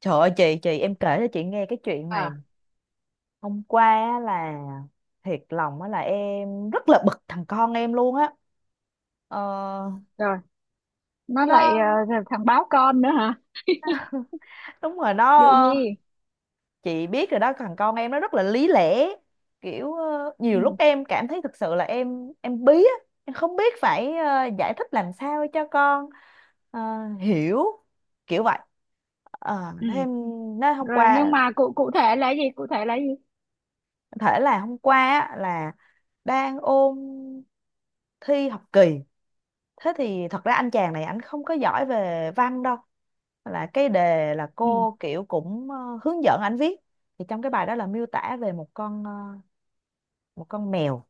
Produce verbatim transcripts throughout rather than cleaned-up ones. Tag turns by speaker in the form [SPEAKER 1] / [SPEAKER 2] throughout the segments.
[SPEAKER 1] Trời ơi, chị chị em kể cho chị nghe cái chuyện này
[SPEAKER 2] À,
[SPEAKER 1] hôm qua á là thiệt lòng á là em rất là bực thằng con em luôn á. ờ,
[SPEAKER 2] rồi nó lại
[SPEAKER 1] nó
[SPEAKER 2] ờ, thằng báo con nữa hả?
[SPEAKER 1] đúng rồi. Nó,
[SPEAKER 2] Vụ gì?
[SPEAKER 1] chị biết rồi đó, thằng con em nó rất là lý lẽ. Kiểu ờ, nhiều lúc
[SPEAKER 2] Ừ,
[SPEAKER 1] em cảm thấy thực sự là em em bí á. Em không biết phải ờ, giải thích làm sao cho con ờ, hiểu, kiểu vậy. Ờ,
[SPEAKER 2] ừ,
[SPEAKER 1] thế em nói hôm
[SPEAKER 2] rồi. Nhưng
[SPEAKER 1] qua
[SPEAKER 2] mà cụ cụ thể là gì, cụ thể là gì?
[SPEAKER 1] có thể là hôm qua á là đang ôn thi học kỳ. Thế thì thật ra anh chàng này anh không có giỏi về văn đâu, là cái đề là
[SPEAKER 2] Ừ.
[SPEAKER 1] cô kiểu cũng ờ, hướng dẫn anh viết. Thì trong cái bài đó là miêu tả về một con ờ, một con mèo.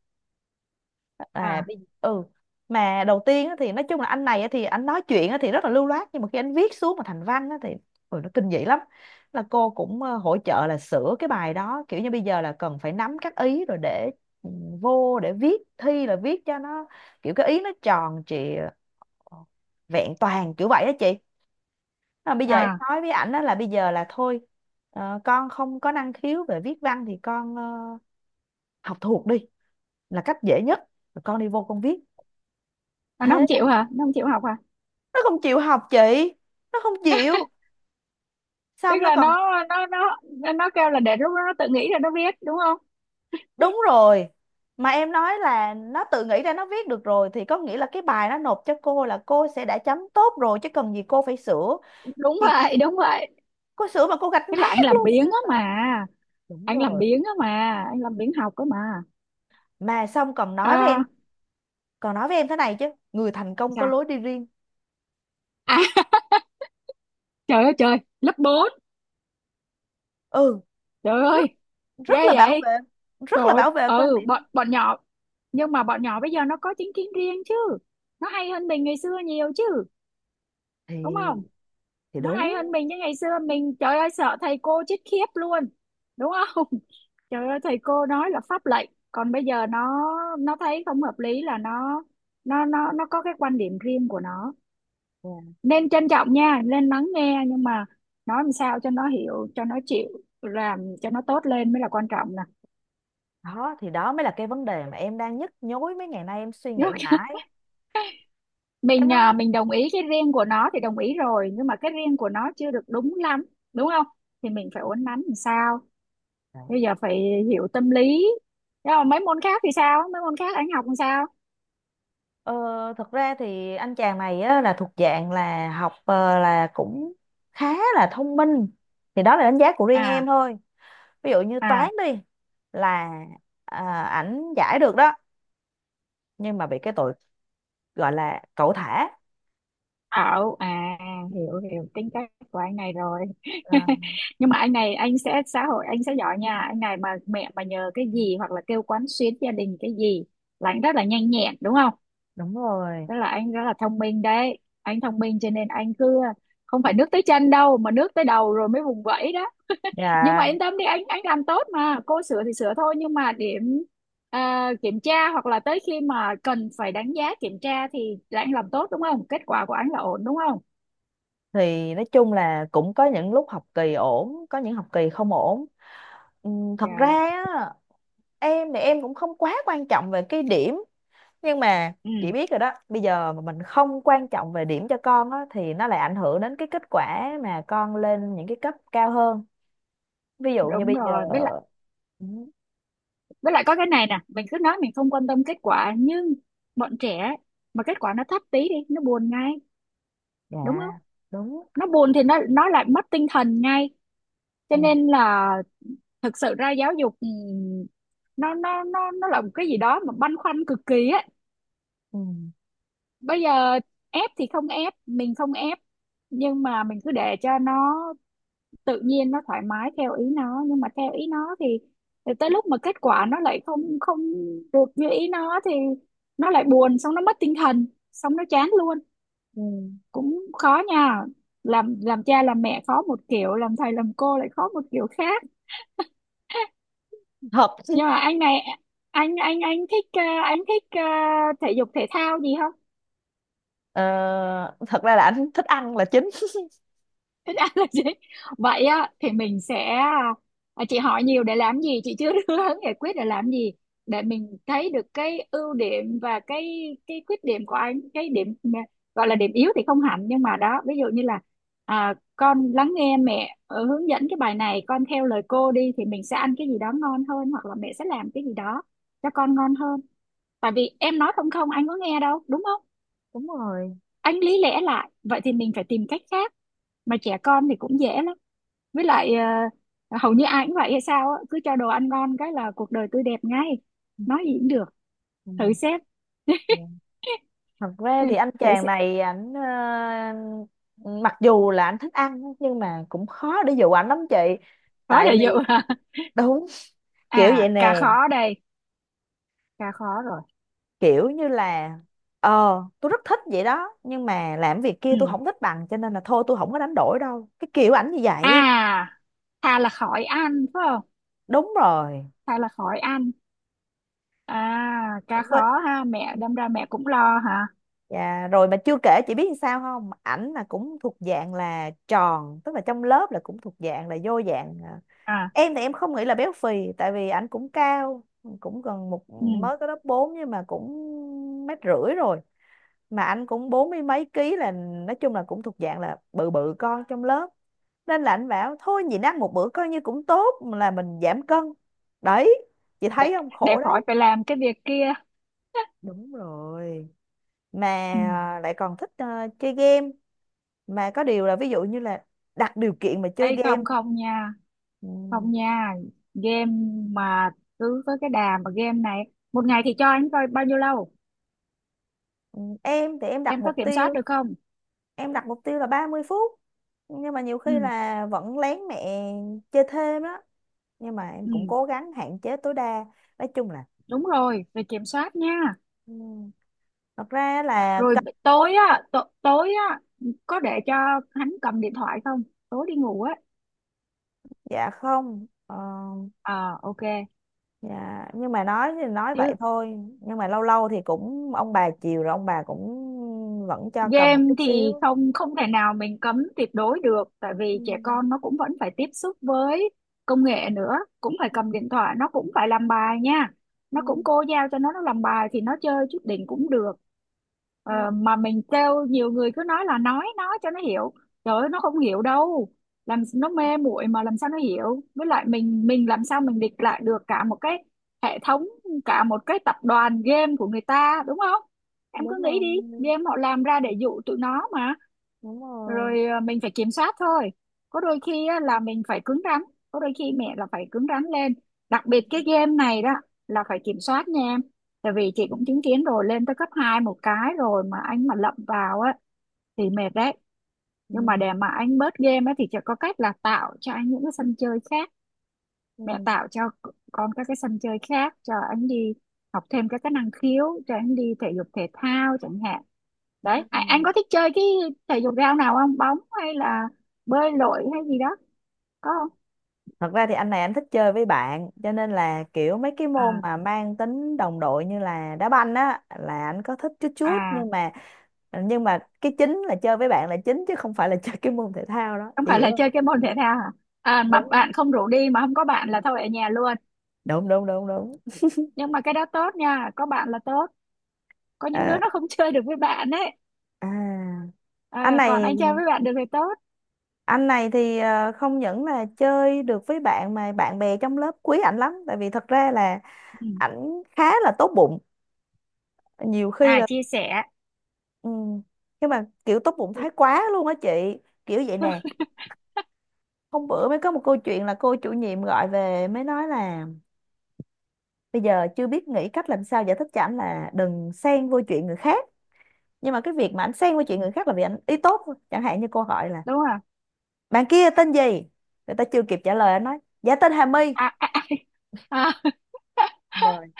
[SPEAKER 1] à
[SPEAKER 2] À,
[SPEAKER 1] bây- ừ mà đầu tiên á thì nói chung là anh này á thì anh nói chuyện á thì rất là lưu loát, nhưng mà khi anh viết xuống mà thành văn á thì ôi, nó kinh dị lắm. Là cô cũng ờ, hỗ trợ là sửa cái bài đó, kiểu như bây giờ là cần phải nắm các ý rồi để ừ, vô để viết thi là viết cho nó kiểu cái ý nó tròn trịa, Ờ, vẹn toàn, kiểu vậy đó chị. Mà bây giờ em
[SPEAKER 2] à.
[SPEAKER 1] nói với ảnh đó là bây giờ là thôi, ờ, con không có năng khiếu về viết văn thì con ờ, học thuộc đi là cách dễ nhất, rồi con đi vô con viết.
[SPEAKER 2] À, nó
[SPEAKER 1] Thế
[SPEAKER 2] không
[SPEAKER 1] là
[SPEAKER 2] chịu hả, nó không chịu học hả?
[SPEAKER 1] nó không chịu học chị, nó không chịu.
[SPEAKER 2] Tức
[SPEAKER 1] Xong nó
[SPEAKER 2] là
[SPEAKER 1] còn
[SPEAKER 2] nó nó nó nó nó kêu là để lúc đó nó tự nghĩ rồi nó viết, đúng không?
[SPEAKER 1] đúng rồi. Mà em nói là nó tự nghĩ ra nó viết được rồi thì có nghĩa là cái bài nó nộp cho cô là cô sẽ đã chấm tốt rồi chứ cần gì cô phải sửa
[SPEAKER 2] Đúng
[SPEAKER 1] chị.
[SPEAKER 2] vậy, đúng vậy.
[SPEAKER 1] Cô sửa mà cô gạch
[SPEAKER 2] Tức là
[SPEAKER 1] nát
[SPEAKER 2] anh làm
[SPEAKER 1] luôn.
[SPEAKER 2] biếng
[SPEAKER 1] Tôi
[SPEAKER 2] á
[SPEAKER 1] tưởng,
[SPEAKER 2] mà,
[SPEAKER 1] đúng
[SPEAKER 2] anh làm
[SPEAKER 1] rồi.
[SPEAKER 2] biếng á mà, anh làm biếng học á mà.
[SPEAKER 1] Mà xong còn nói với em
[SPEAKER 2] À,
[SPEAKER 1] còn nói với em thế này chứ người thành công có
[SPEAKER 2] sao?
[SPEAKER 1] lối đi riêng.
[SPEAKER 2] À, trời ơi trời, lớp bốn.
[SPEAKER 1] Ừ,
[SPEAKER 2] Trời
[SPEAKER 1] rất
[SPEAKER 2] ơi. Ghê
[SPEAKER 1] rất là bảo
[SPEAKER 2] vậy.
[SPEAKER 1] vệ, rất
[SPEAKER 2] Trời
[SPEAKER 1] là
[SPEAKER 2] ơi,
[SPEAKER 1] bảo vệ quan
[SPEAKER 2] ừ, bọn,
[SPEAKER 1] điểm.
[SPEAKER 2] bọn nhỏ. Nhưng mà bọn nhỏ bây giờ nó có chính kiến riêng chứ. Nó hay hơn mình ngày xưa nhiều chứ. Đúng không?
[SPEAKER 1] thì thì
[SPEAKER 2] Nó
[SPEAKER 1] đúng.
[SPEAKER 2] hay hơn mình chứ, ngày xưa mình trời ơi sợ thầy cô chết khiếp luôn. Đúng không? Trời ơi, thầy cô nói là pháp lệnh. Còn bây giờ nó nó thấy không hợp lý là nó, Nó nó nó có cái quan điểm riêng của nó.
[SPEAKER 1] Dạ.
[SPEAKER 2] Nên trân trọng nha. Nên lắng nghe. Nhưng mà nói làm sao cho nó hiểu, cho nó chịu, làm cho nó tốt lên mới là quan trọng nè.
[SPEAKER 1] Đó thì đó mới là cái vấn đề mà em đang nhức nhối, mấy ngày nay em suy nghĩ mãi. Em
[SPEAKER 2] Mình
[SPEAKER 1] nói
[SPEAKER 2] à, mình đồng ý cái riêng của nó thì đồng ý rồi nhưng mà cái riêng của nó chưa được đúng lắm, đúng không? Thì mình phải uốn nắn làm sao. Bây giờ phải hiểu tâm lý. Nhưng mà mấy môn khác thì sao, mấy môn khác anh học làm sao?
[SPEAKER 1] ờ, thật ra thì anh chàng này á, là thuộc dạng là học ờ, là cũng khá là thông minh, thì đó là đánh giá của riêng em
[SPEAKER 2] À.
[SPEAKER 1] thôi. Ví dụ như toán
[SPEAKER 2] À.
[SPEAKER 1] đi, là à, ảnh giải được đó, nhưng mà bị cái tội gọi là cẩu thả.
[SPEAKER 2] Ảo à? Hiểu, hiểu tính cách của anh này rồi. Nhưng mà anh này anh sẽ xã hội anh sẽ giỏi nha, anh này mà mẹ mà nhờ cái
[SPEAKER 1] Ờ.
[SPEAKER 2] gì hoặc là kêu quán xuyến gia đình cái gì là anh rất là nhanh nhẹn, đúng không?
[SPEAKER 1] Đúng rồi.
[SPEAKER 2] Rất là anh rất là thông minh đấy. Anh thông minh cho nên anh cứ không phải nước tới chân đâu mà nước tới đầu rồi mới vùng vẫy đó. Nhưng mà
[SPEAKER 1] Dạ,
[SPEAKER 2] yên tâm đi, anh anh làm tốt mà. Cô sửa thì sửa thôi nhưng mà điểm à, kiểm tra hoặc là tới khi mà cần phải đánh giá kiểm tra thì là anh làm tốt, đúng không? Kết quả của anh là ổn, đúng không?
[SPEAKER 1] thì nói chung là cũng có những lúc học kỳ ổn, có những học kỳ không ổn. Ừm, Thật ra
[SPEAKER 2] Dạ.
[SPEAKER 1] á, em thì em cũng không quá quan trọng về cái điểm, nhưng mà
[SPEAKER 2] Ừ,
[SPEAKER 1] chị biết rồi đó, bây giờ mà mình không quan trọng về điểm cho con á thì nó lại ảnh hưởng đến cái kết quả mà con lên những cái cấp cao hơn. Ví dụ như
[SPEAKER 2] đúng
[SPEAKER 1] bây giờ.
[SPEAKER 2] rồi. Với lại,
[SPEAKER 1] Ừ,
[SPEAKER 2] với lại có cái này nè, mình cứ nói mình không quan tâm kết quả nhưng bọn trẻ ấy, mà kết quả nó thấp tí đi, nó buồn ngay,
[SPEAKER 1] dạ
[SPEAKER 2] đúng không?
[SPEAKER 1] đúng.
[SPEAKER 2] Nó buồn thì nó nó lại mất tinh thần ngay, cho
[SPEAKER 1] Ừ.
[SPEAKER 2] nên là thực sự ra giáo dục ừm, nó nó nó nó là một cái gì đó mà băn khoăn cực kỳ á.
[SPEAKER 1] Ừ.
[SPEAKER 2] Bây giờ ép thì không ép, mình không ép, nhưng mà mình cứ để cho nó tự nhiên nó thoải mái theo ý nó nhưng mà theo ý nó thì, thì tới lúc mà kết quả nó lại không không được như ý nó thì nó lại buồn, xong nó mất tinh thần, xong nó chán luôn.
[SPEAKER 1] Ừ.
[SPEAKER 2] Cũng khó nha. Làm làm cha làm mẹ khó một kiểu, làm thầy làm cô lại khó một kiểu khác.
[SPEAKER 1] Thật.
[SPEAKER 2] Nhưng mà anh này anh anh anh thích ờ, anh thích ờ, thể dục thể thao gì không?
[SPEAKER 1] ờ, Thật ra là anh thích ăn là chính.
[SPEAKER 2] Ít ăn là gì? Vậy á, thì mình sẽ à, chị hỏi nhiều để làm gì, chị chưa đưa hướng giải quyết để làm gì, để mình thấy được cái ưu điểm và cái cái khuyết điểm của anh, cái điểm gọi là điểm yếu thì không hẳn nhưng mà đó, ví dụ như là à, con lắng nghe mẹ ờ, hướng dẫn cái bài này, con theo lời cô đi thì mình sẽ ăn cái gì đó ngon hơn hoặc là mẹ sẽ làm cái gì đó cho con ngon hơn. Tại vì em nói không không anh có nghe đâu, đúng không?
[SPEAKER 1] Đúng rồi.
[SPEAKER 2] Anh lý lẽ lại vậy thì mình phải tìm cách khác. Mà trẻ con thì cũng dễ lắm. Với lại ờ, hầu như ai cũng vậy hay sao á, cứ cho đồ ăn ngon cái là cuộc đời tươi đẹp ngay, nói gì cũng được. Thử xem.
[SPEAKER 1] Ừ. Thật ra
[SPEAKER 2] Ừ,
[SPEAKER 1] thì anh
[SPEAKER 2] thử
[SPEAKER 1] chàng
[SPEAKER 2] xem.
[SPEAKER 1] này ảnh ờ, mặc dù là anh thích ăn nhưng mà cũng khó để dụ ảnh lắm chị.
[SPEAKER 2] Khó
[SPEAKER 1] Tại
[SPEAKER 2] để dụ
[SPEAKER 1] vì
[SPEAKER 2] hả?
[SPEAKER 1] đúng, kiểu
[SPEAKER 2] À
[SPEAKER 1] vậy
[SPEAKER 2] cà
[SPEAKER 1] nè,
[SPEAKER 2] khó đây. Cà khó rồi.
[SPEAKER 1] kiểu như là ờ tôi rất thích vậy đó, nhưng mà làm việc kia
[SPEAKER 2] Ừ.
[SPEAKER 1] tôi không thích bằng, cho nên là thôi tôi không có đánh đổi đâu, cái kiểu ảnh như vậy.
[SPEAKER 2] À, thà là khỏi ăn, phải không?
[SPEAKER 1] Đúng rồi.
[SPEAKER 2] Thà là khỏi ăn. À cà
[SPEAKER 1] Với-
[SPEAKER 2] khó ha, mẹ đâm ra mẹ cũng lo hả?
[SPEAKER 1] Dạ, rồi mà chưa kể chị biết sao không? Ảnh là cũng thuộc dạng là tròn, tức là trong lớp là cũng thuộc dạng là vô dạng. à,
[SPEAKER 2] À.
[SPEAKER 1] Em thì em không nghĩ là béo phì tại vì ảnh cũng cao, cũng gần một,
[SPEAKER 2] Ừ.
[SPEAKER 1] mới có lớp bốn nhưng mà cũng mét rưỡi rồi. Mà anh cũng bốn mươi mấy ký, là nói chung là cũng thuộc dạng là bự bự con trong lớp. Nên là anh bảo thôi nhịn ăn một bữa coi như cũng tốt, là mình giảm cân. Đấy, chị
[SPEAKER 2] để,
[SPEAKER 1] thấy không?
[SPEAKER 2] để
[SPEAKER 1] Khổ
[SPEAKER 2] khỏi
[SPEAKER 1] đấy.
[SPEAKER 2] phải làm cái việc kia.
[SPEAKER 1] Đúng rồi. Mà
[SPEAKER 2] Ừ.
[SPEAKER 1] à, lại còn thích à, chơi game, mà có điều là ví dụ như là đặt điều kiện mà chơi
[SPEAKER 2] Ê,
[SPEAKER 1] game.
[SPEAKER 2] không không nha.
[SPEAKER 1] Ừ.
[SPEAKER 2] Không nha, game mà cứ với cái đà mà game này, một ngày thì cho anh coi bao nhiêu lâu?
[SPEAKER 1] ừ, em thì em đặt
[SPEAKER 2] Em có
[SPEAKER 1] mục
[SPEAKER 2] kiểm soát
[SPEAKER 1] tiêu
[SPEAKER 2] được không?
[SPEAKER 1] em đặt mục tiêu là ba mươi phút. Nhưng mà nhiều
[SPEAKER 2] Ừ.
[SPEAKER 1] khi là vẫn lén mẹ chơi thêm đó, nhưng mà em
[SPEAKER 2] Ừ.
[SPEAKER 1] cũng cố gắng hạn chế tối đa, nói chung là.
[SPEAKER 2] Đúng rồi, rồi kiểm soát nha.
[SPEAKER 1] ừ, Thật ra là
[SPEAKER 2] Rồi
[SPEAKER 1] cân-
[SPEAKER 2] tối á, t- tối á có để cho hắn cầm điện thoại không, tối đi ngủ á?
[SPEAKER 1] dạ không. ờ,
[SPEAKER 2] Ờ, ok
[SPEAKER 1] dạ nhưng mà nói thì nói
[SPEAKER 2] chứ.
[SPEAKER 1] vậy thôi, nhưng mà lâu lâu thì cũng ông bà chiều rồi, ông bà cũng vẫn cho cầm một
[SPEAKER 2] Game
[SPEAKER 1] chút
[SPEAKER 2] thì
[SPEAKER 1] xíu.
[SPEAKER 2] không không thể nào mình cấm tuyệt đối được tại
[SPEAKER 1] Ừ.
[SPEAKER 2] vì trẻ con nó cũng vẫn phải tiếp xúc với công nghệ nữa, cũng phải
[SPEAKER 1] Ừ.
[SPEAKER 2] cầm điện thoại, nó cũng phải làm bài nha. Nó cũng
[SPEAKER 1] Ừ.
[SPEAKER 2] cô giao cho nó nó làm bài thì nó chơi chút đỉnh cũng được. Ờ,
[SPEAKER 1] Ừ.
[SPEAKER 2] mà mình kêu nhiều người cứ nói là nói nói cho nó hiểu, trời ơi nó không hiểu đâu. Làm nó mê muội mà làm sao nó hiểu, với lại mình mình làm sao mình địch lại được cả một cái hệ thống, cả một cái tập đoàn game của người ta, đúng không? Em cứ
[SPEAKER 1] Đúng
[SPEAKER 2] nghĩ
[SPEAKER 1] rồi,
[SPEAKER 2] đi, game họ làm ra để dụ tụi nó mà.
[SPEAKER 1] đúng rồi.
[SPEAKER 2] Rồi à, mình phải kiểm soát thôi. Có đôi khi á, là mình phải cứng rắn, có đôi khi mẹ là phải cứng rắn lên. Đặc
[SPEAKER 1] Ừ.
[SPEAKER 2] biệt cái game này đó là phải kiểm soát nha em. Tại vì chị cũng chứng kiến rồi, lên tới cấp hai một cái rồi mà anh mà lậm vào á thì mệt đấy. Nhưng mà
[SPEAKER 1] Ừ.
[SPEAKER 2] để mà anh bớt game á thì chỉ có cách là tạo cho anh những cái sân chơi khác.
[SPEAKER 1] Ừ.
[SPEAKER 2] Mẹ tạo cho con các cái sân chơi khác cho anh đi, học thêm các cái năng khiếu cho anh đi, thể dục thể thao chẳng hạn. Đấy, anh, anh
[SPEAKER 1] Ừ.
[SPEAKER 2] có thích chơi cái thể dục thể thao nào không, bóng hay là bơi lội hay gì đó? Có không?
[SPEAKER 1] Thật ra thì anh này anh thích chơi với bạn, cho nên là kiểu mấy cái môn
[SPEAKER 2] À.
[SPEAKER 1] mà mang tính đồng đội như là đá banh á là anh có thích chút chút.
[SPEAKER 2] À,
[SPEAKER 1] Nhưng mà nhưng mà cái chính là chơi với bạn là chính chứ không phải là chơi cái môn thể thao đó,
[SPEAKER 2] không
[SPEAKER 1] chị
[SPEAKER 2] phải
[SPEAKER 1] hiểu
[SPEAKER 2] là
[SPEAKER 1] không?
[SPEAKER 2] chơi cái môn thể thao hả? À mà
[SPEAKER 1] Đúng không?
[SPEAKER 2] bạn không rủ đi mà không có bạn là thôi ở nhà luôn.
[SPEAKER 1] Đúng đúng đúng đúng.
[SPEAKER 2] Nhưng mà cái đó tốt nha, có bạn là tốt. Có những đứa
[SPEAKER 1] Ờ,
[SPEAKER 2] nó không chơi được với bạn ấy.
[SPEAKER 1] à, anh
[SPEAKER 2] À, còn
[SPEAKER 1] này
[SPEAKER 2] anh chơi với bạn được thì tốt.
[SPEAKER 1] anh này thì ờ, không những là chơi được với bạn mà bạn bè trong lớp quý ảnh lắm, tại vì thật ra là
[SPEAKER 2] Ừ.
[SPEAKER 1] ảnh khá là tốt bụng. Nhiều khi
[SPEAKER 2] À,
[SPEAKER 1] là.
[SPEAKER 2] chia sẻ.
[SPEAKER 1] Ừ. Nhưng mà kiểu tốt bụng thái quá luôn á chị, kiểu vậy nè. Hôm bữa mới có một câu chuyện là cô chủ nhiệm gọi về mới nói là bây giờ chưa biết nghĩ cách làm sao giải thích cho ảnh là đừng xen vô chuyện người khác. Nhưng mà cái việc mà ảnh xen vô chuyện người khác là vì ảnh ý tốt thôi. Chẳng hạn như cô hỏi là
[SPEAKER 2] Đúng rồi.
[SPEAKER 1] bạn kia tên gì, người ta chưa kịp trả lời anh nói dạ tên Hà My.
[SPEAKER 2] À, à, à. À,
[SPEAKER 1] Rồi.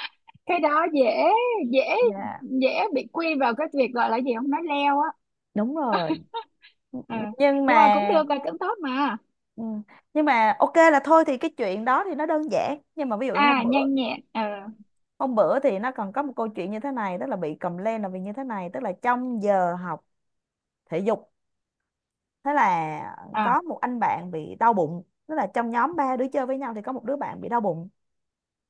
[SPEAKER 2] cái đó dễ. Dễ.
[SPEAKER 1] Dạ
[SPEAKER 2] Dễ. Bị quy vào cái việc gọi là gì, không nói leo á.
[SPEAKER 1] đúng rồi.
[SPEAKER 2] Ờ.
[SPEAKER 1] Nhưng
[SPEAKER 2] Nhưng mà cũng
[SPEAKER 1] mà.
[SPEAKER 2] được, là cũng tốt mà.
[SPEAKER 1] ừ, nhưng mà ok là thôi thì cái chuyện đó thì nó đơn giản, nhưng mà ví dụ như
[SPEAKER 2] À,
[SPEAKER 1] hôm bữa
[SPEAKER 2] nhanh nhẹn ờ.
[SPEAKER 1] hôm bữa thì nó còn có một câu chuyện như thế này. Tức là bị complain là vì như thế này, tức là trong giờ học thể dục, thế là có
[SPEAKER 2] À.
[SPEAKER 1] một anh bạn bị đau bụng, tức là trong nhóm ba đứa chơi với nhau thì có một đứa bạn bị đau bụng.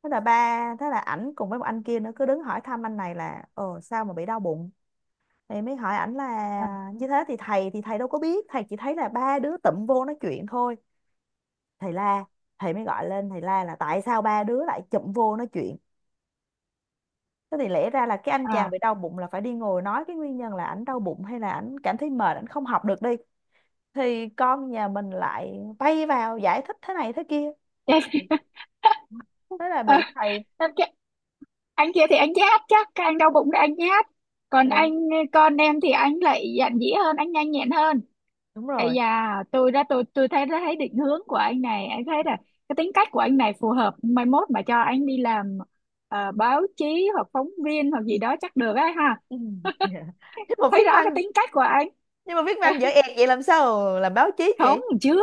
[SPEAKER 1] Thế là ba thế là ảnh cùng với một anh kia nữa cứ đứng hỏi thăm anh này là ờ sao mà bị đau bụng. Thì mới hỏi ảnh là
[SPEAKER 2] À.
[SPEAKER 1] như thế, thì thầy thì thầy đâu có biết, thầy chỉ thấy là ba đứa tụm vô nói chuyện thôi. Thầy la, thầy mới gọi lên, thầy la là tại sao ba đứa lại chụm vô nói chuyện. Thế thì lẽ ra là cái anh chàng bị đau bụng là phải đi ngồi nói cái nguyên nhân là ảnh đau bụng, hay là ảnh cảm thấy mệt, ảnh không học được đi, thì con nhà mình lại bay vào giải thích thế này thế kia, thế là
[SPEAKER 2] À.
[SPEAKER 1] bị thầy.
[SPEAKER 2] Anh kia, anh kia thì anh nhát, chắc các anh đau bụng là anh nhát. Còn anh
[SPEAKER 1] Đúng,
[SPEAKER 2] con em thì anh lại dạn dĩ hơn, anh nhanh nhẹn hơn.
[SPEAKER 1] đúng
[SPEAKER 2] Ấy
[SPEAKER 1] rồi.
[SPEAKER 2] da, tôi đã tôi tôi thấy đã thấy định hướng của anh này, anh thấy là cái tính cách của anh này phù hợp mai mốt mà cho anh đi làm ờ, báo chí hoặc phóng viên hoặc gì đó chắc được ấy ha.
[SPEAKER 1] Ừ, dạ. nhưng mà viết
[SPEAKER 2] Thấy rõ cái
[SPEAKER 1] văn
[SPEAKER 2] tính cách của anh.
[SPEAKER 1] nhưng mà viết văn dở ẹt vậy làm sao làm báo chí
[SPEAKER 2] Không,
[SPEAKER 1] chị.
[SPEAKER 2] chưa,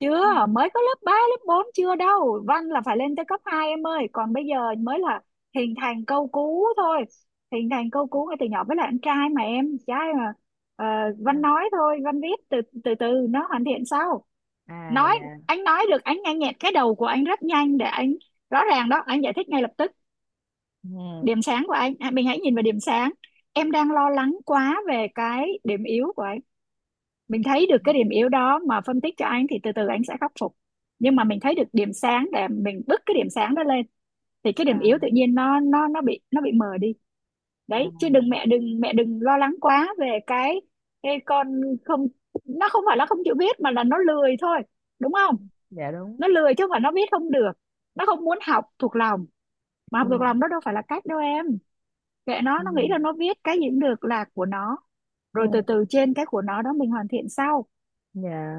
[SPEAKER 2] chưa,
[SPEAKER 1] Ừ,
[SPEAKER 2] mới có lớp ba lớp bốn chưa đâu, văn là phải lên tới cấp hai em ơi, còn bây giờ mới là hình thành câu cú thôi. Hình thành câu cú ngay từ nhỏ, với lại anh trai mà, em trai mà. Ờ, văn
[SPEAKER 1] dạ.
[SPEAKER 2] nói thôi, văn viết từ từ từ nó hoàn thiện sau.
[SPEAKER 1] À
[SPEAKER 2] Nói,
[SPEAKER 1] dạ.
[SPEAKER 2] anh nói được, anh nhanh nhẹn, cái đầu của anh rất nhanh để anh rõ ràng đó, anh giải thích ngay lập tức.
[SPEAKER 1] Ừ.
[SPEAKER 2] Điểm sáng của anh. À, mình hãy nhìn vào điểm sáng. Em đang lo lắng quá về cái điểm yếu của anh. Mình thấy được cái điểm yếu đó mà phân tích cho anh thì từ từ anh sẽ khắc phục, nhưng mà mình thấy được điểm sáng để mình bứt cái điểm sáng đó lên thì cái điểm
[SPEAKER 1] à,
[SPEAKER 2] yếu tự nhiên nó nó nó bị, nó bị mờ đi.
[SPEAKER 1] à
[SPEAKER 2] Đấy, chứ đừng, mẹ đừng mẹ đừng lo lắng quá về cái cái con. Không, nó không phải nó không chịu viết mà là nó lười thôi, đúng không?
[SPEAKER 1] dạ đúng.
[SPEAKER 2] Nó lười chứ không phải nó viết không được, nó không muốn học thuộc lòng, mà
[SPEAKER 1] Ừ.
[SPEAKER 2] học thuộc lòng đó đâu phải là cách đâu em. Kệ nó
[SPEAKER 1] Ừ.
[SPEAKER 2] nó nghĩ là nó viết cái gì cũng được là của nó.
[SPEAKER 1] Ừ.
[SPEAKER 2] Rồi từ từ trên cái của nó đó mình hoàn thiện sau.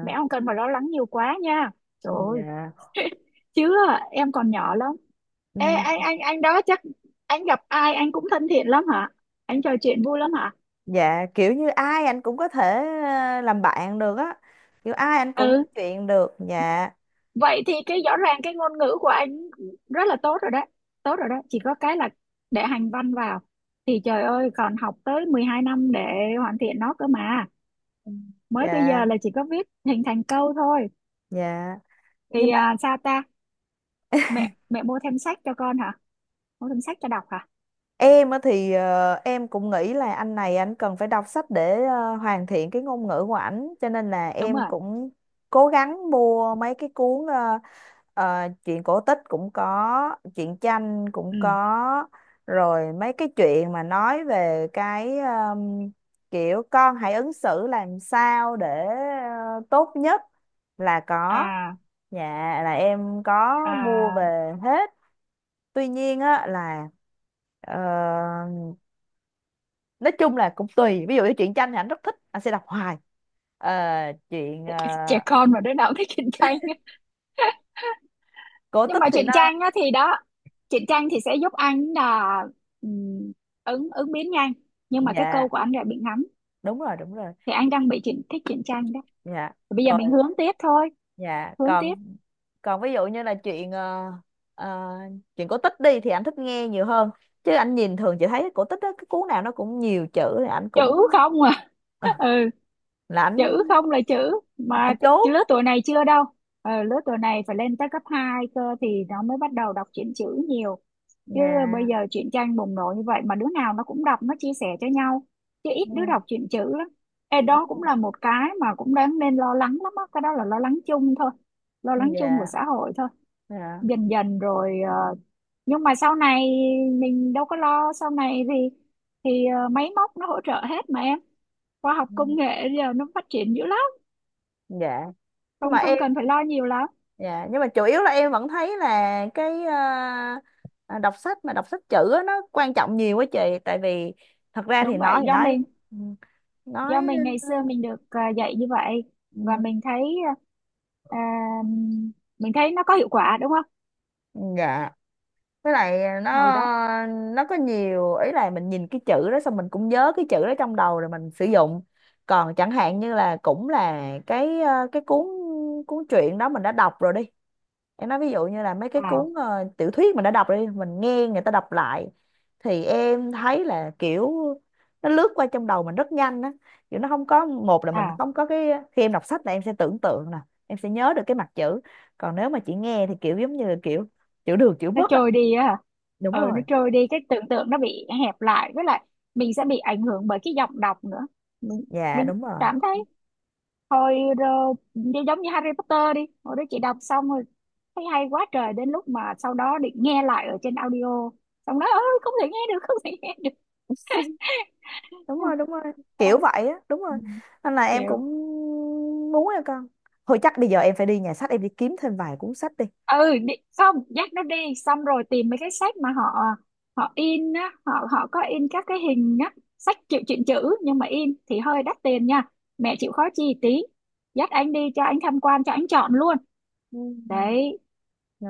[SPEAKER 2] Mẹ không cần mà lo lắng nhiều quá nha. Trời ơi
[SPEAKER 1] dạ.
[SPEAKER 2] chứ em còn nhỏ lắm.
[SPEAKER 1] Ừ.
[SPEAKER 2] Ê, anh anh anh đó chắc anh gặp ai anh cũng thân thiện lắm hả, anh trò chuyện vui lắm hả?
[SPEAKER 1] Dạ, kiểu như ai anh cũng có thể ờ, làm bạn được á, kiểu ai anh cũng nói
[SPEAKER 2] Ừ,
[SPEAKER 1] chuyện được. Dạ.
[SPEAKER 2] vậy thì cái rõ ràng cái ngôn ngữ của anh rất là tốt rồi đấy. Tốt rồi đấy, chỉ có cái là để hành văn vào thì trời ơi còn học tới mười hai năm để hoàn thiện nó cơ mà.
[SPEAKER 1] Ừ.
[SPEAKER 2] Mới bây
[SPEAKER 1] Dạ,
[SPEAKER 2] giờ là chỉ có viết hình thành câu thôi.
[SPEAKER 1] dạ. Nhưng.
[SPEAKER 2] Thì à, sao ta? Mẹ mẹ mua thêm sách cho con hả, mua thêm sách cho đọc hả?
[SPEAKER 1] Em á thì ờ, em cũng nghĩ là anh này anh cần phải đọc sách để ờ, hoàn thiện cái ngôn ngữ của ảnh, cho nên là
[SPEAKER 2] Đúng
[SPEAKER 1] em
[SPEAKER 2] rồi.
[SPEAKER 1] cũng cố gắng mua mấy cái cuốn, ờ, ờ, truyện cổ tích cũng có, truyện tranh cũng
[SPEAKER 2] Ừ.
[SPEAKER 1] có, rồi mấy cái chuyện mà nói về cái ờm, kiểu con hãy ứng xử làm sao để ờ, tốt nhất, là có.
[SPEAKER 2] À.
[SPEAKER 1] Dạ, là em có mua
[SPEAKER 2] À,
[SPEAKER 1] về hết. Tuy nhiên á là ờ, nói chung là cũng tùy, ví dụ như truyện tranh thì anh rất thích anh sẽ đọc hoài. Ờ, Chuyện ờ,
[SPEAKER 2] trẻ con mà đứa nào cũng thích truyện tranh.
[SPEAKER 1] cổ
[SPEAKER 2] Nhưng
[SPEAKER 1] tích
[SPEAKER 2] mà
[SPEAKER 1] thì
[SPEAKER 2] truyện
[SPEAKER 1] nó.
[SPEAKER 2] tranh á thì đó, truyện tranh thì sẽ giúp anh là ừm, ứng ứng biến nhanh nhưng mà cái
[SPEAKER 1] Dạ
[SPEAKER 2] câu của anh lại bị ngắn.
[SPEAKER 1] đúng rồi, đúng rồi.
[SPEAKER 2] Thì anh đang bị truyện thích truyện tranh đó.
[SPEAKER 1] Dạ.
[SPEAKER 2] Thì bây giờ
[SPEAKER 1] Rồi.
[SPEAKER 2] mình hướng tiếp thôi.
[SPEAKER 1] Dạ.
[SPEAKER 2] Hướng tiếp.
[SPEAKER 1] Còn, còn ví dụ như là chuyện ờ, ờ, chuyện cổ tích đi thì anh thích nghe nhiều hơn, chứ anh nhìn thường chỉ thấy cổ tích đó cái cuốn nào nó cũng nhiều chữ thì anh cũng
[SPEAKER 2] Chữ không à?
[SPEAKER 1] ờ,
[SPEAKER 2] Ừ,
[SPEAKER 1] là anh
[SPEAKER 2] chữ không là chữ mà.
[SPEAKER 1] anh chốt.
[SPEAKER 2] Cái lứa tuổi này chưa đâu. Ờ, lứa tuổi này phải lên tới cấp hai cơ thì nó mới bắt đầu đọc truyện chữ nhiều, chứ bây
[SPEAKER 1] Dạ.
[SPEAKER 2] giờ truyện tranh bùng nổ như vậy mà đứa nào nó cũng đọc, nó chia sẻ cho nhau, chứ ít đứa
[SPEAKER 1] ừ,
[SPEAKER 2] đọc truyện chữ lắm. Ê,
[SPEAKER 1] Đúng
[SPEAKER 2] đó cũng
[SPEAKER 1] rồi.
[SPEAKER 2] là một cái mà cũng đáng nên lo lắng lắm á, cái đó là lo lắng chung thôi, lo lắng chung của
[SPEAKER 1] Dạ,
[SPEAKER 2] xã hội thôi.
[SPEAKER 1] dạ.
[SPEAKER 2] Dần dần rồi ờ, nhưng mà sau này mình đâu có lo, sau này thì thì ờ, máy móc nó hỗ trợ hết mà em. Khoa học
[SPEAKER 1] ừ,
[SPEAKER 2] công nghệ giờ nó phát triển dữ lắm.
[SPEAKER 1] dạ nhưng mà
[SPEAKER 2] Không không
[SPEAKER 1] em.
[SPEAKER 2] cần phải lo nhiều lắm.
[SPEAKER 1] Dạ, nhưng mà chủ yếu là em vẫn thấy là cái à, à, đọc sách, mà đọc sách chữ á, nó quan trọng nhiều quá chị. Tại vì thật ra thì
[SPEAKER 2] Đúng
[SPEAKER 1] nói,
[SPEAKER 2] vậy,
[SPEAKER 1] thì
[SPEAKER 2] do
[SPEAKER 1] nói
[SPEAKER 2] mình,
[SPEAKER 1] ừ,
[SPEAKER 2] do
[SPEAKER 1] nói.
[SPEAKER 2] mình ngày
[SPEAKER 1] ừ,
[SPEAKER 2] xưa mình được à, dạy như vậy và mình thấy à, mình thấy nó có hiệu quả, đúng không?
[SPEAKER 1] ừ, dạ, với lại nó
[SPEAKER 2] Hồi đó.
[SPEAKER 1] nó có nhiều ý là mình nhìn cái chữ đó xong mình cũng nhớ cái chữ đó trong đầu rồi mình sử dụng. Còn chẳng hạn như là cũng là cái ờ, cái cuốn cuốn truyện đó mình đã đọc rồi đi, em nói ví dụ như là mấy cái
[SPEAKER 2] À.
[SPEAKER 1] cuốn ờ, tiểu thuyết mình đã đọc đi, mình nghe người ta đọc lại thì em thấy là kiểu nó lướt qua trong đầu mình rất nhanh á. Kiểu nó không có, một là mình
[SPEAKER 2] À,
[SPEAKER 1] không có cái, khi em đọc sách là em sẽ tưởng tượng nè, em sẽ nhớ được cái mặt chữ. Còn nếu mà chị nghe thì kiểu giống như là kiểu chữ được chữ
[SPEAKER 2] nó
[SPEAKER 1] mất á.
[SPEAKER 2] trôi đi á hả?
[SPEAKER 1] Đúng
[SPEAKER 2] Ừ, nó
[SPEAKER 1] rồi.
[SPEAKER 2] trôi đi, cái tưởng tượng nó bị hẹp lại, với lại mình sẽ bị ảnh hưởng bởi cái giọng đọc nữa. mình
[SPEAKER 1] Dạ
[SPEAKER 2] mình
[SPEAKER 1] đúng rồi.
[SPEAKER 2] cảm thấy hồi rồi như- giống như Harry Potter đi, hồi đó chị đọc xong rồi thấy hay quá trời, đến lúc mà sau đó định nghe lại ở trên audio, xong đó ơi, không thể nghe được, không thể nghe được.
[SPEAKER 1] Đúng rồi, đúng rồi,
[SPEAKER 2] À.
[SPEAKER 1] kiểu vậy á, đúng
[SPEAKER 2] Ừ.
[SPEAKER 1] rồi. Nên là em cũng
[SPEAKER 2] Kiểu.
[SPEAKER 1] muốn em con, thôi chắc bây giờ em phải đi nhà sách em đi kiếm thêm vài cuốn sách đi.
[SPEAKER 2] Ừ, đi, không, dắt nó đi xong rồi tìm mấy cái sách mà họ họ in á, họ họ có in các cái hình á, sách chữ truyện chữ nhưng mà in thì hơi đắt tiền nha. Mẹ chịu khó chi tí dắt anh đi cho anh tham quan, cho anh chọn luôn. Đấy.
[SPEAKER 1] Ừ.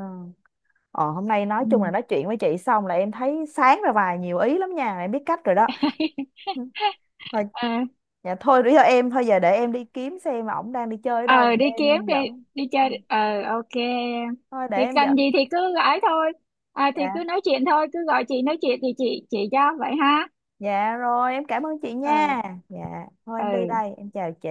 [SPEAKER 1] Ờ, hôm nay nói chung là
[SPEAKER 2] Ừ.
[SPEAKER 1] nói chuyện với chị xong là em thấy sáng ra vài nhiều ý lắm nha, em biết cách rồi đó. Ừ. Thôi.
[SPEAKER 2] Ờ.
[SPEAKER 1] Dạ, thôi bây giờ em, thôi giờ để em đi kiếm xem ổng đang đi chơi ở đâu,
[SPEAKER 2] Ờ, đi
[SPEAKER 1] để
[SPEAKER 2] kiếm
[SPEAKER 1] em
[SPEAKER 2] đi,
[SPEAKER 1] dẫn.
[SPEAKER 2] đi
[SPEAKER 1] Dạ.
[SPEAKER 2] chơi ờ, ok.
[SPEAKER 1] Thôi để
[SPEAKER 2] Thì
[SPEAKER 1] em
[SPEAKER 2] cần gì
[SPEAKER 1] dẫn.
[SPEAKER 2] thì cứ gọi thôi. À, thì
[SPEAKER 1] Dạ,
[SPEAKER 2] cứ nói chuyện thôi, cứ gọi chị nói chuyện thì chị chị cho vậy ha.
[SPEAKER 1] dạ rồi, em cảm ơn chị
[SPEAKER 2] Ờ.
[SPEAKER 1] nha. Dạ, thôi em đi
[SPEAKER 2] Ừ.
[SPEAKER 1] đây, em chào chị.